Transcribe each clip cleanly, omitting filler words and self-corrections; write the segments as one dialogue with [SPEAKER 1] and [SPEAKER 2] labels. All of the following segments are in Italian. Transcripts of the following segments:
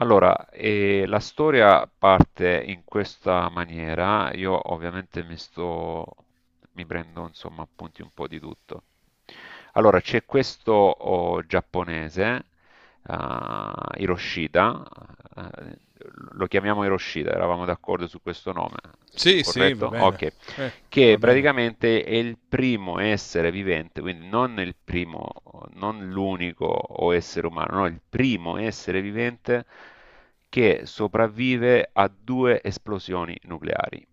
[SPEAKER 1] Allora, la storia parte in questa maniera. Io ovviamente mi sto, mi prendo insomma appunti un po' di tutto. Allora, c'è questo giapponese, Hiroshita, eh, lo chiamiamo Hiroshita, eravamo d'accordo su questo nome,
[SPEAKER 2] Sì, sì,
[SPEAKER 1] corretto?
[SPEAKER 2] va bene.
[SPEAKER 1] Ok,
[SPEAKER 2] Eh,
[SPEAKER 1] che
[SPEAKER 2] Va bene.
[SPEAKER 1] praticamente è il primo essere vivente, quindi non il primo, non l'unico o essere umano, no, il primo essere vivente che sopravvive a due esplosioni nucleari.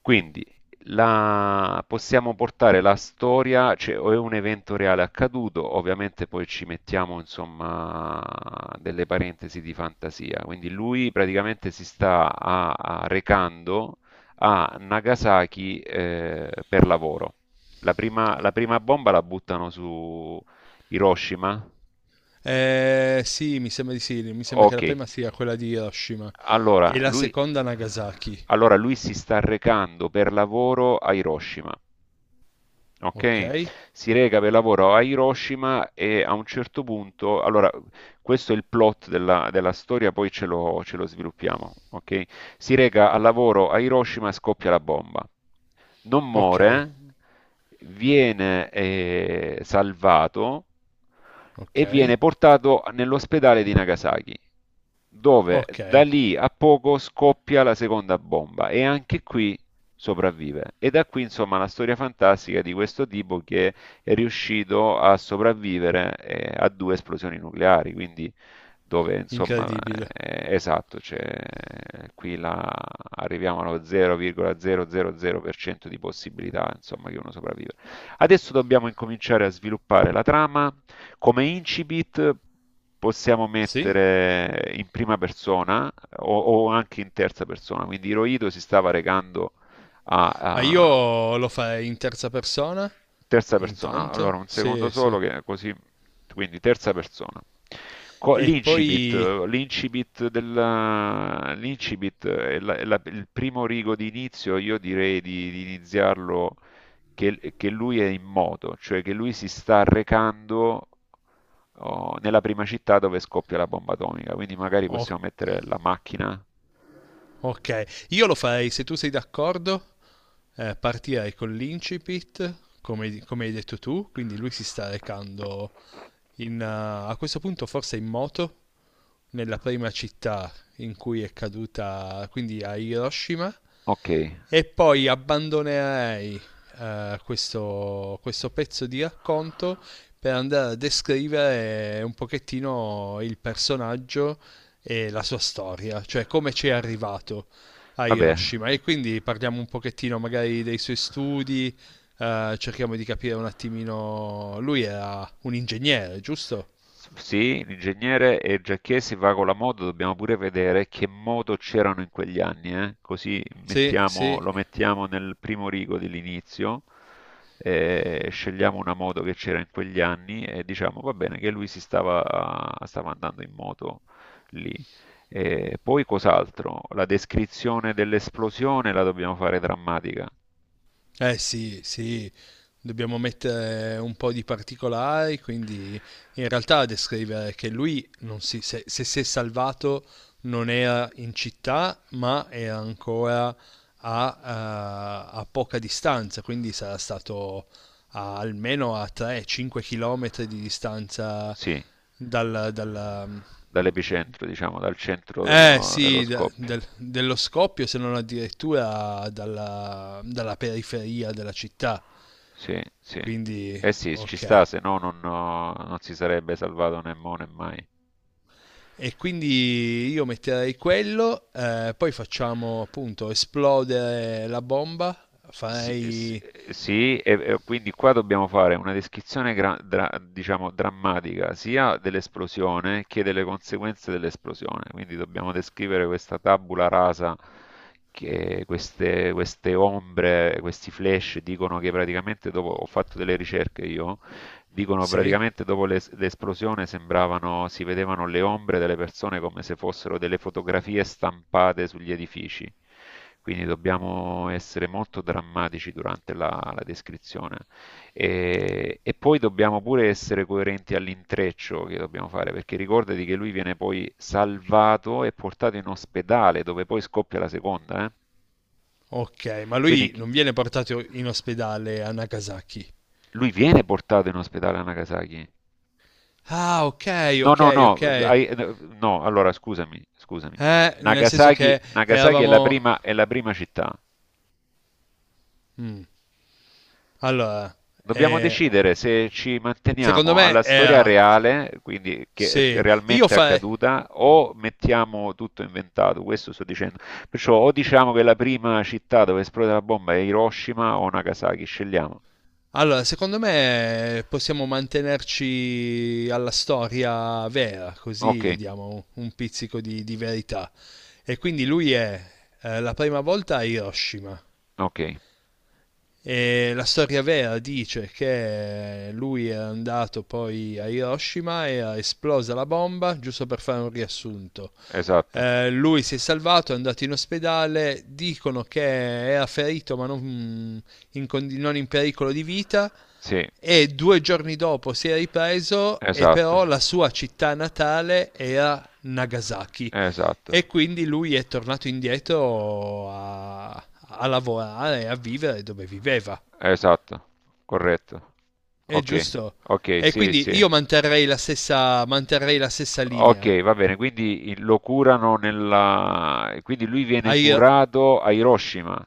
[SPEAKER 1] Quindi possiamo portare la storia, cioè o è un evento reale accaduto, ovviamente poi ci mettiamo insomma delle parentesi di fantasia, quindi lui praticamente si sta a recando a Nagasaki per lavoro. La prima bomba la buttano su Hiroshima.
[SPEAKER 2] Sì, mi sembra di sì. Mi sembra che
[SPEAKER 1] Ok,
[SPEAKER 2] la prima sia quella di Hiroshima
[SPEAKER 1] allora
[SPEAKER 2] e la
[SPEAKER 1] lui,
[SPEAKER 2] seconda Nagasaki.
[SPEAKER 1] allora lui si sta recando per lavoro a Hiroshima. Ok?
[SPEAKER 2] Ok?
[SPEAKER 1] Si reca per lavoro a Hiroshima e a un certo punto, allora, questo è il plot della storia, poi ce lo sviluppiamo, ok? Si reca al lavoro a Hiroshima e scoppia la bomba. Non
[SPEAKER 2] Ok,
[SPEAKER 1] muore, viene salvato
[SPEAKER 2] ok,
[SPEAKER 1] e viene portato nell'ospedale di Nagasaki, dove da
[SPEAKER 2] ok.
[SPEAKER 1] lì a poco scoppia la seconda bomba. E anche qui sopravvive. E da qui, insomma, la storia fantastica di questo tipo che è riuscito a sopravvivere a due esplosioni nucleari, quindi dove, insomma,
[SPEAKER 2] Incredibile.
[SPEAKER 1] esatto, cioè, qui la- arriviamo allo 0,000% di possibilità, insomma, che uno sopravvive. Adesso dobbiamo incominciare a sviluppare la trama. Come incipit possiamo
[SPEAKER 2] Sì?
[SPEAKER 1] mettere in prima persona o anche in terza persona. Quindi Hirohito si stava recando
[SPEAKER 2] Ma
[SPEAKER 1] a
[SPEAKER 2] io lo farei in terza persona,
[SPEAKER 1] terza persona. Allora,
[SPEAKER 2] intanto.
[SPEAKER 1] un secondo
[SPEAKER 2] Sì, sì.
[SPEAKER 1] solo che così, quindi terza persona.
[SPEAKER 2] E
[SPEAKER 1] L'incipit,
[SPEAKER 2] poi...
[SPEAKER 1] l'incipit, l'incipit è il primo rigo di inizio, io direi di iniziarlo che lui è in moto, cioè che lui si sta recando oh, nella prima città dove scoppia la bomba atomica, quindi magari
[SPEAKER 2] o-
[SPEAKER 1] possiamo mettere la macchina.
[SPEAKER 2] ok. Io lo farei, se tu sei d'accordo, partirei con l'incipit, come, come hai detto tu. Quindi lui si sta recando in, eh, a questo punto forse in moto nella prima città in cui è caduta, quindi a Hiroshima,
[SPEAKER 1] Ok,
[SPEAKER 2] e poi abbandonerei questo, questo pezzo di racconto per andare a descrivere un pochettino il personaggio e la sua storia, cioè come ci è arrivato a
[SPEAKER 1] vabbè,
[SPEAKER 2] Hiroshima. E quindi parliamo un pochettino magari dei suoi studi, cerchiamo di capire un attimino. Lui era un ingegnere, giusto?
[SPEAKER 1] Sì, l'ingegnere e Giacchesi va con la moto, dobbiamo pure vedere che moto c'erano in quegli anni, eh? Così
[SPEAKER 2] Sì, sì.
[SPEAKER 1] lo mettiamo nel primo rigo dell'inizio, scegliamo una moto che c'era in quegli anni e diciamo va bene che lui stava andando in moto lì. E poi cos'altro? La descrizione dell'esplosione la dobbiamo fare drammatica,
[SPEAKER 2] Eh sì, sì, dobbiamo mettere un po' di particolari, quindi in realtà descrivere che lui non si, se, se si è salvato non era in città, ma era ancora a poca distanza, quindi sarà stato almeno a 3-5 km di distanza
[SPEAKER 1] sì,
[SPEAKER 2] dal, dalla-
[SPEAKER 1] dall'epicentro, diciamo, dal centro
[SPEAKER 2] eh
[SPEAKER 1] dello
[SPEAKER 2] sì,
[SPEAKER 1] scoppio.
[SPEAKER 2] dello scoppio, se non addirittura dalla, dalla periferia della città.
[SPEAKER 1] Sì, sì.
[SPEAKER 2] Quindi,
[SPEAKER 1] Eh sì, ci
[SPEAKER 2] ok.
[SPEAKER 1] sta, se no non si sarebbe salvato né mo né mai.
[SPEAKER 2] E quindi io metterei quello, poi facciamo appunto esplodere la bomba,
[SPEAKER 1] Sì, sì,
[SPEAKER 2] farei...
[SPEAKER 1] sì, e quindi qua dobbiamo fare una descrizione diciamo drammatica sia dell'esplosione che delle conseguenze dell'esplosione. Quindi dobbiamo descrivere questa tabula rasa che queste ombre, questi flash dicono che praticamente dopo ho fatto delle ricerche io. Dicono
[SPEAKER 2] Sì?
[SPEAKER 1] praticamente dopo l'esplosione sembravano, si vedevano le ombre delle persone come se fossero delle fotografie stampate sugli edifici. Quindi dobbiamo essere molto drammatici durante la descrizione. E poi dobbiamo pure essere coerenti all'intreccio che dobbiamo fare, perché ricordati che lui viene poi salvato e portato in ospedale, dove poi scoppia la seconda, eh.
[SPEAKER 2] Ok, ma
[SPEAKER 1] Quindi
[SPEAKER 2] lui
[SPEAKER 1] chi-
[SPEAKER 2] non viene portato in ospedale a Nagasaki.
[SPEAKER 1] lui viene portato in ospedale a Nagasaki.
[SPEAKER 2] Ah, ok,
[SPEAKER 1] No,
[SPEAKER 2] ok,
[SPEAKER 1] no, no,
[SPEAKER 2] ok.
[SPEAKER 1] hai- no, allora scusami, scusami.
[SPEAKER 2] Nel senso che
[SPEAKER 1] Nagasaki è
[SPEAKER 2] eravamo...
[SPEAKER 1] è la prima città.
[SPEAKER 2] Mm. Allora,
[SPEAKER 1] Dobbiamo
[SPEAKER 2] eh,
[SPEAKER 1] decidere se ci
[SPEAKER 2] secondo
[SPEAKER 1] manteniamo
[SPEAKER 2] me
[SPEAKER 1] alla
[SPEAKER 2] è...
[SPEAKER 1] storia reale, quindi che è
[SPEAKER 2] Sì, io
[SPEAKER 1] realmente
[SPEAKER 2] farei...
[SPEAKER 1] accaduta, o mettiamo tutto inventato. Questo sto dicendo. Perciò o diciamo che la prima città dove esplode la bomba è Hiroshima o Nagasaki, scegliamo.
[SPEAKER 2] Allora, secondo me possiamo mantenerci alla storia vera,
[SPEAKER 1] Ok,
[SPEAKER 2] così diamo un pizzico di verità. E quindi lui è la prima volta a Hiroshima.
[SPEAKER 1] ok,
[SPEAKER 2] E la storia vera dice che lui era andato poi a Hiroshima e era esplosa la bomba, giusto per fare un riassunto.
[SPEAKER 1] esatto.
[SPEAKER 2] Lui si è salvato, è andato in ospedale, dicono che era ferito ma non non in pericolo di vita
[SPEAKER 1] Sì,
[SPEAKER 2] e due giorni dopo si è ripreso e
[SPEAKER 1] esatto,
[SPEAKER 2] però la sua città natale era Nagasaki e
[SPEAKER 1] esatto.
[SPEAKER 2] quindi lui è tornato indietro a lavorare e a vivere dove viveva.
[SPEAKER 1] Esatto, corretto.
[SPEAKER 2] È
[SPEAKER 1] Ok,
[SPEAKER 2] giusto?
[SPEAKER 1] ok,
[SPEAKER 2] E
[SPEAKER 1] sì, sì.
[SPEAKER 2] quindi io manterrei manterrei la stessa linea.
[SPEAKER 1] Ok, va bene, quindi lo curano nella quindi lui viene
[SPEAKER 2] Hai-
[SPEAKER 1] curato a Hiroshima,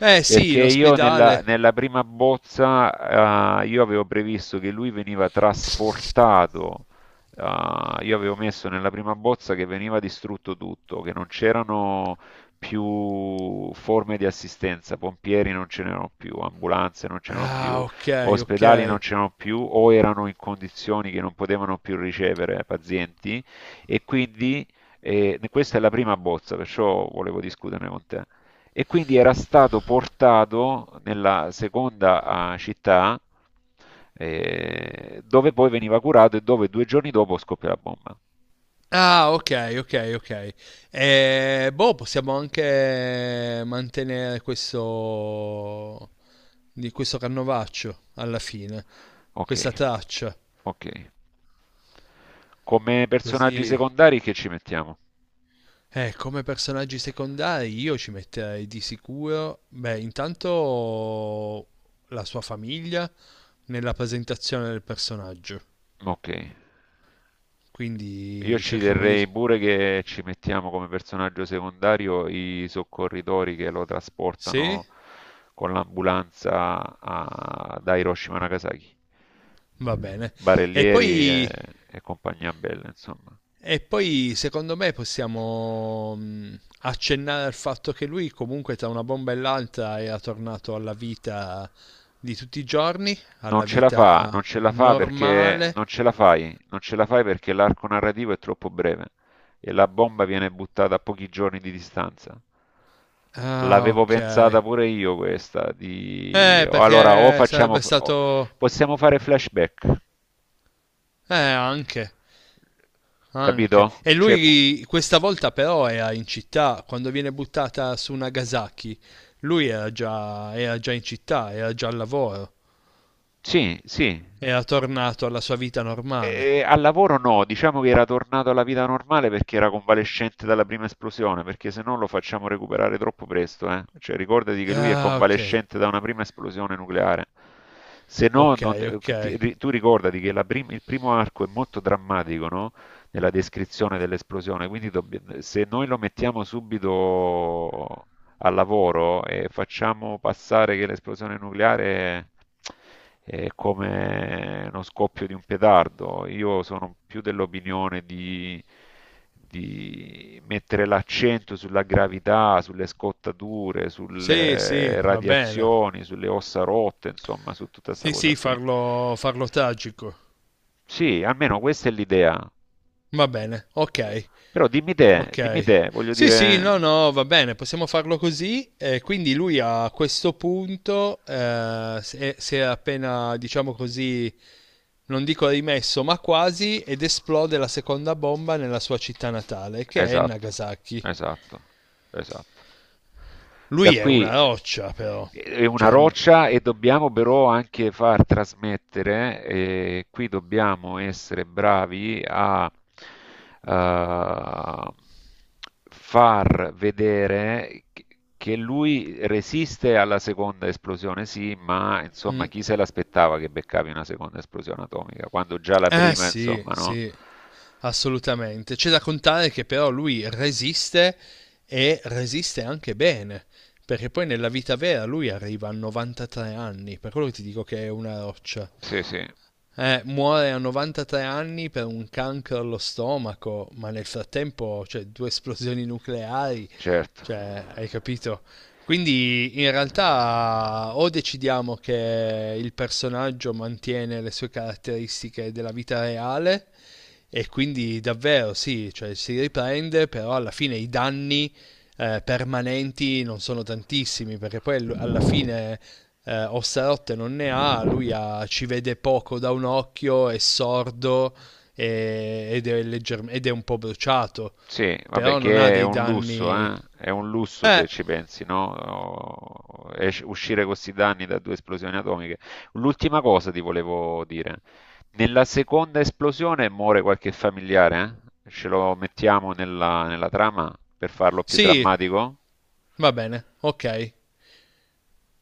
[SPEAKER 2] eh sì,
[SPEAKER 1] perché
[SPEAKER 2] in
[SPEAKER 1] io nella,
[SPEAKER 2] ospedale.
[SPEAKER 1] nella prima bozza io avevo previsto che lui veniva trasportato, io avevo messo nella prima bozza che veniva distrutto tutto, che non c'erano più forme di assistenza, pompieri non ce n'erano più, ambulanze non ce n'erano più,
[SPEAKER 2] Ah, ok, ok.
[SPEAKER 1] ospedali non c'erano più o erano in condizioni che non potevano più ricevere pazienti e quindi questa è la prima bozza, perciò volevo discuterne con te. E quindi era stato portato nella seconda città dove poi veniva curato e dove due giorni dopo scoppia la bomba.
[SPEAKER 2] Ah, ok, ok, ok. Boh, possiamo anche mantenere questo, di questo canovaccio alla fine,
[SPEAKER 1] Ok,
[SPEAKER 2] questa traccia.
[SPEAKER 1] ok. Come personaggi
[SPEAKER 2] Così
[SPEAKER 1] secondari che ci mettiamo?
[SPEAKER 2] eh, come personaggi secondari io ci metterei di sicuro, beh, intanto la sua famiglia nella presentazione del personaggio.
[SPEAKER 1] Ok. Io
[SPEAKER 2] Quindi
[SPEAKER 1] ci
[SPEAKER 2] cerchiamo di...
[SPEAKER 1] terrei pure che ci mettiamo come personaggio secondario i soccorritori che lo
[SPEAKER 2] Sì?
[SPEAKER 1] trasportano con l'ambulanza da Hiroshima a Nagasaki.
[SPEAKER 2] Va bene. E
[SPEAKER 1] Barellieri
[SPEAKER 2] poi,
[SPEAKER 1] e compagnia bella, insomma.
[SPEAKER 2] e poi secondo me possiamo accennare al fatto che lui comunque tra una bomba e l'altra era tornato alla vita di tutti i giorni, alla
[SPEAKER 1] Non
[SPEAKER 2] vita
[SPEAKER 1] ce la fa perché
[SPEAKER 2] normale.
[SPEAKER 1] non ce la fai perché l'arco narrativo è troppo breve e la bomba viene buttata a pochi giorni di distanza.
[SPEAKER 2] Ah,
[SPEAKER 1] L'avevo
[SPEAKER 2] ok.
[SPEAKER 1] pensata pure io questa, di o allora
[SPEAKER 2] Perché sarebbe stato...
[SPEAKER 1] possiamo fare flashback,
[SPEAKER 2] Anche, anche.
[SPEAKER 1] capito?
[SPEAKER 2] E
[SPEAKER 1] Cioè,
[SPEAKER 2] lui questa volta però era in città, quando viene buttata su Nagasaki, lui era già in città, era già al lavoro,
[SPEAKER 1] sì, sì.
[SPEAKER 2] era tornato alla sua vita normale.
[SPEAKER 1] Al lavoro no, diciamo che era tornato alla vita normale perché era convalescente dalla prima esplosione, perché se no lo facciamo recuperare troppo presto, eh. Cioè, ricordati che lui è
[SPEAKER 2] Ah, ok,
[SPEAKER 1] convalescente da una prima esplosione nucleare. Se no,
[SPEAKER 2] ok, ok.
[SPEAKER 1] tu ricordati che il primo arco è molto drammatico, no? Nella descrizione dell'esplosione, quindi se noi lo mettiamo subito al lavoro e facciamo passare che l'esplosione nucleare è come uno scoppio di un petardo. Io sono più dell'opinione di mettere l'accento sulla gravità, sulle scottature,
[SPEAKER 2] Sì, sì,
[SPEAKER 1] sulle
[SPEAKER 2] va bene.
[SPEAKER 1] radiazioni, sulle ossa rotte, insomma, su tutta questa
[SPEAKER 2] Sì,
[SPEAKER 1] cosa
[SPEAKER 2] sì,
[SPEAKER 1] qui.
[SPEAKER 2] farlo, farlo tragico.
[SPEAKER 1] Sì, almeno questa è l'idea.
[SPEAKER 2] Va bene, ok.
[SPEAKER 1] Però dimmi
[SPEAKER 2] Ok.
[SPEAKER 1] te, voglio
[SPEAKER 2] Sì, sì,
[SPEAKER 1] dire.
[SPEAKER 2] no, no, va bene, possiamo farlo così. Quindi lui a questo punto si è appena, diciamo così, non dico rimesso, ma quasi, ed esplode la seconda bomba nella sua città natale, che è
[SPEAKER 1] Esatto,
[SPEAKER 2] Nagasaki.
[SPEAKER 1] esatto, esatto. Da
[SPEAKER 2] Lui è
[SPEAKER 1] qui
[SPEAKER 2] una roccia, però.
[SPEAKER 1] è una
[SPEAKER 2] Cioè, n-
[SPEAKER 1] roccia e dobbiamo però anche far trasmettere, e qui dobbiamo essere bravi a eh, far vedere che lui resiste alla seconda esplosione, sì, ma insomma
[SPEAKER 2] mm.
[SPEAKER 1] chi se l'aspettava che beccavi una seconda esplosione atomica? Quando già la
[SPEAKER 2] Eh
[SPEAKER 1] prima,
[SPEAKER 2] sì,
[SPEAKER 1] insomma, no?
[SPEAKER 2] sì. Assolutamente. C'è da contare che però lui resiste e resiste anche bene, perché poi nella vita vera lui arriva a 93 anni, per quello che ti dico che è una roccia.
[SPEAKER 1] Sì, sì,
[SPEAKER 2] Muore a 93 anni per un cancro allo stomaco, ma nel frattempo, cioè, due esplosioni nucleari,
[SPEAKER 1] certo.
[SPEAKER 2] cioè, hai capito? Quindi in realtà o decidiamo che il personaggio mantiene le sue caratteristiche della vita reale e quindi davvero sì, cioè, si riprende, però alla fine i danni permanenti non sono tantissimi, perché poi alla fine Osserotte non ne ha, lui ci vede poco da un occhio, è sordo è ed è un po' bruciato,
[SPEAKER 1] Sì, vabbè,
[SPEAKER 2] però non ha
[SPEAKER 1] che è
[SPEAKER 2] dei
[SPEAKER 1] un lusso,
[SPEAKER 2] danni...
[SPEAKER 1] eh? È un lusso se
[SPEAKER 2] Eh,
[SPEAKER 1] ci pensi, no? Oh, uscire con questi danni da due esplosioni atomiche. L'ultima cosa ti volevo dire. Nella seconda esplosione muore qualche familiare, eh? Ce lo mettiamo nella, nella trama per farlo più
[SPEAKER 2] sì,
[SPEAKER 1] drammatico?
[SPEAKER 2] va bene, ok.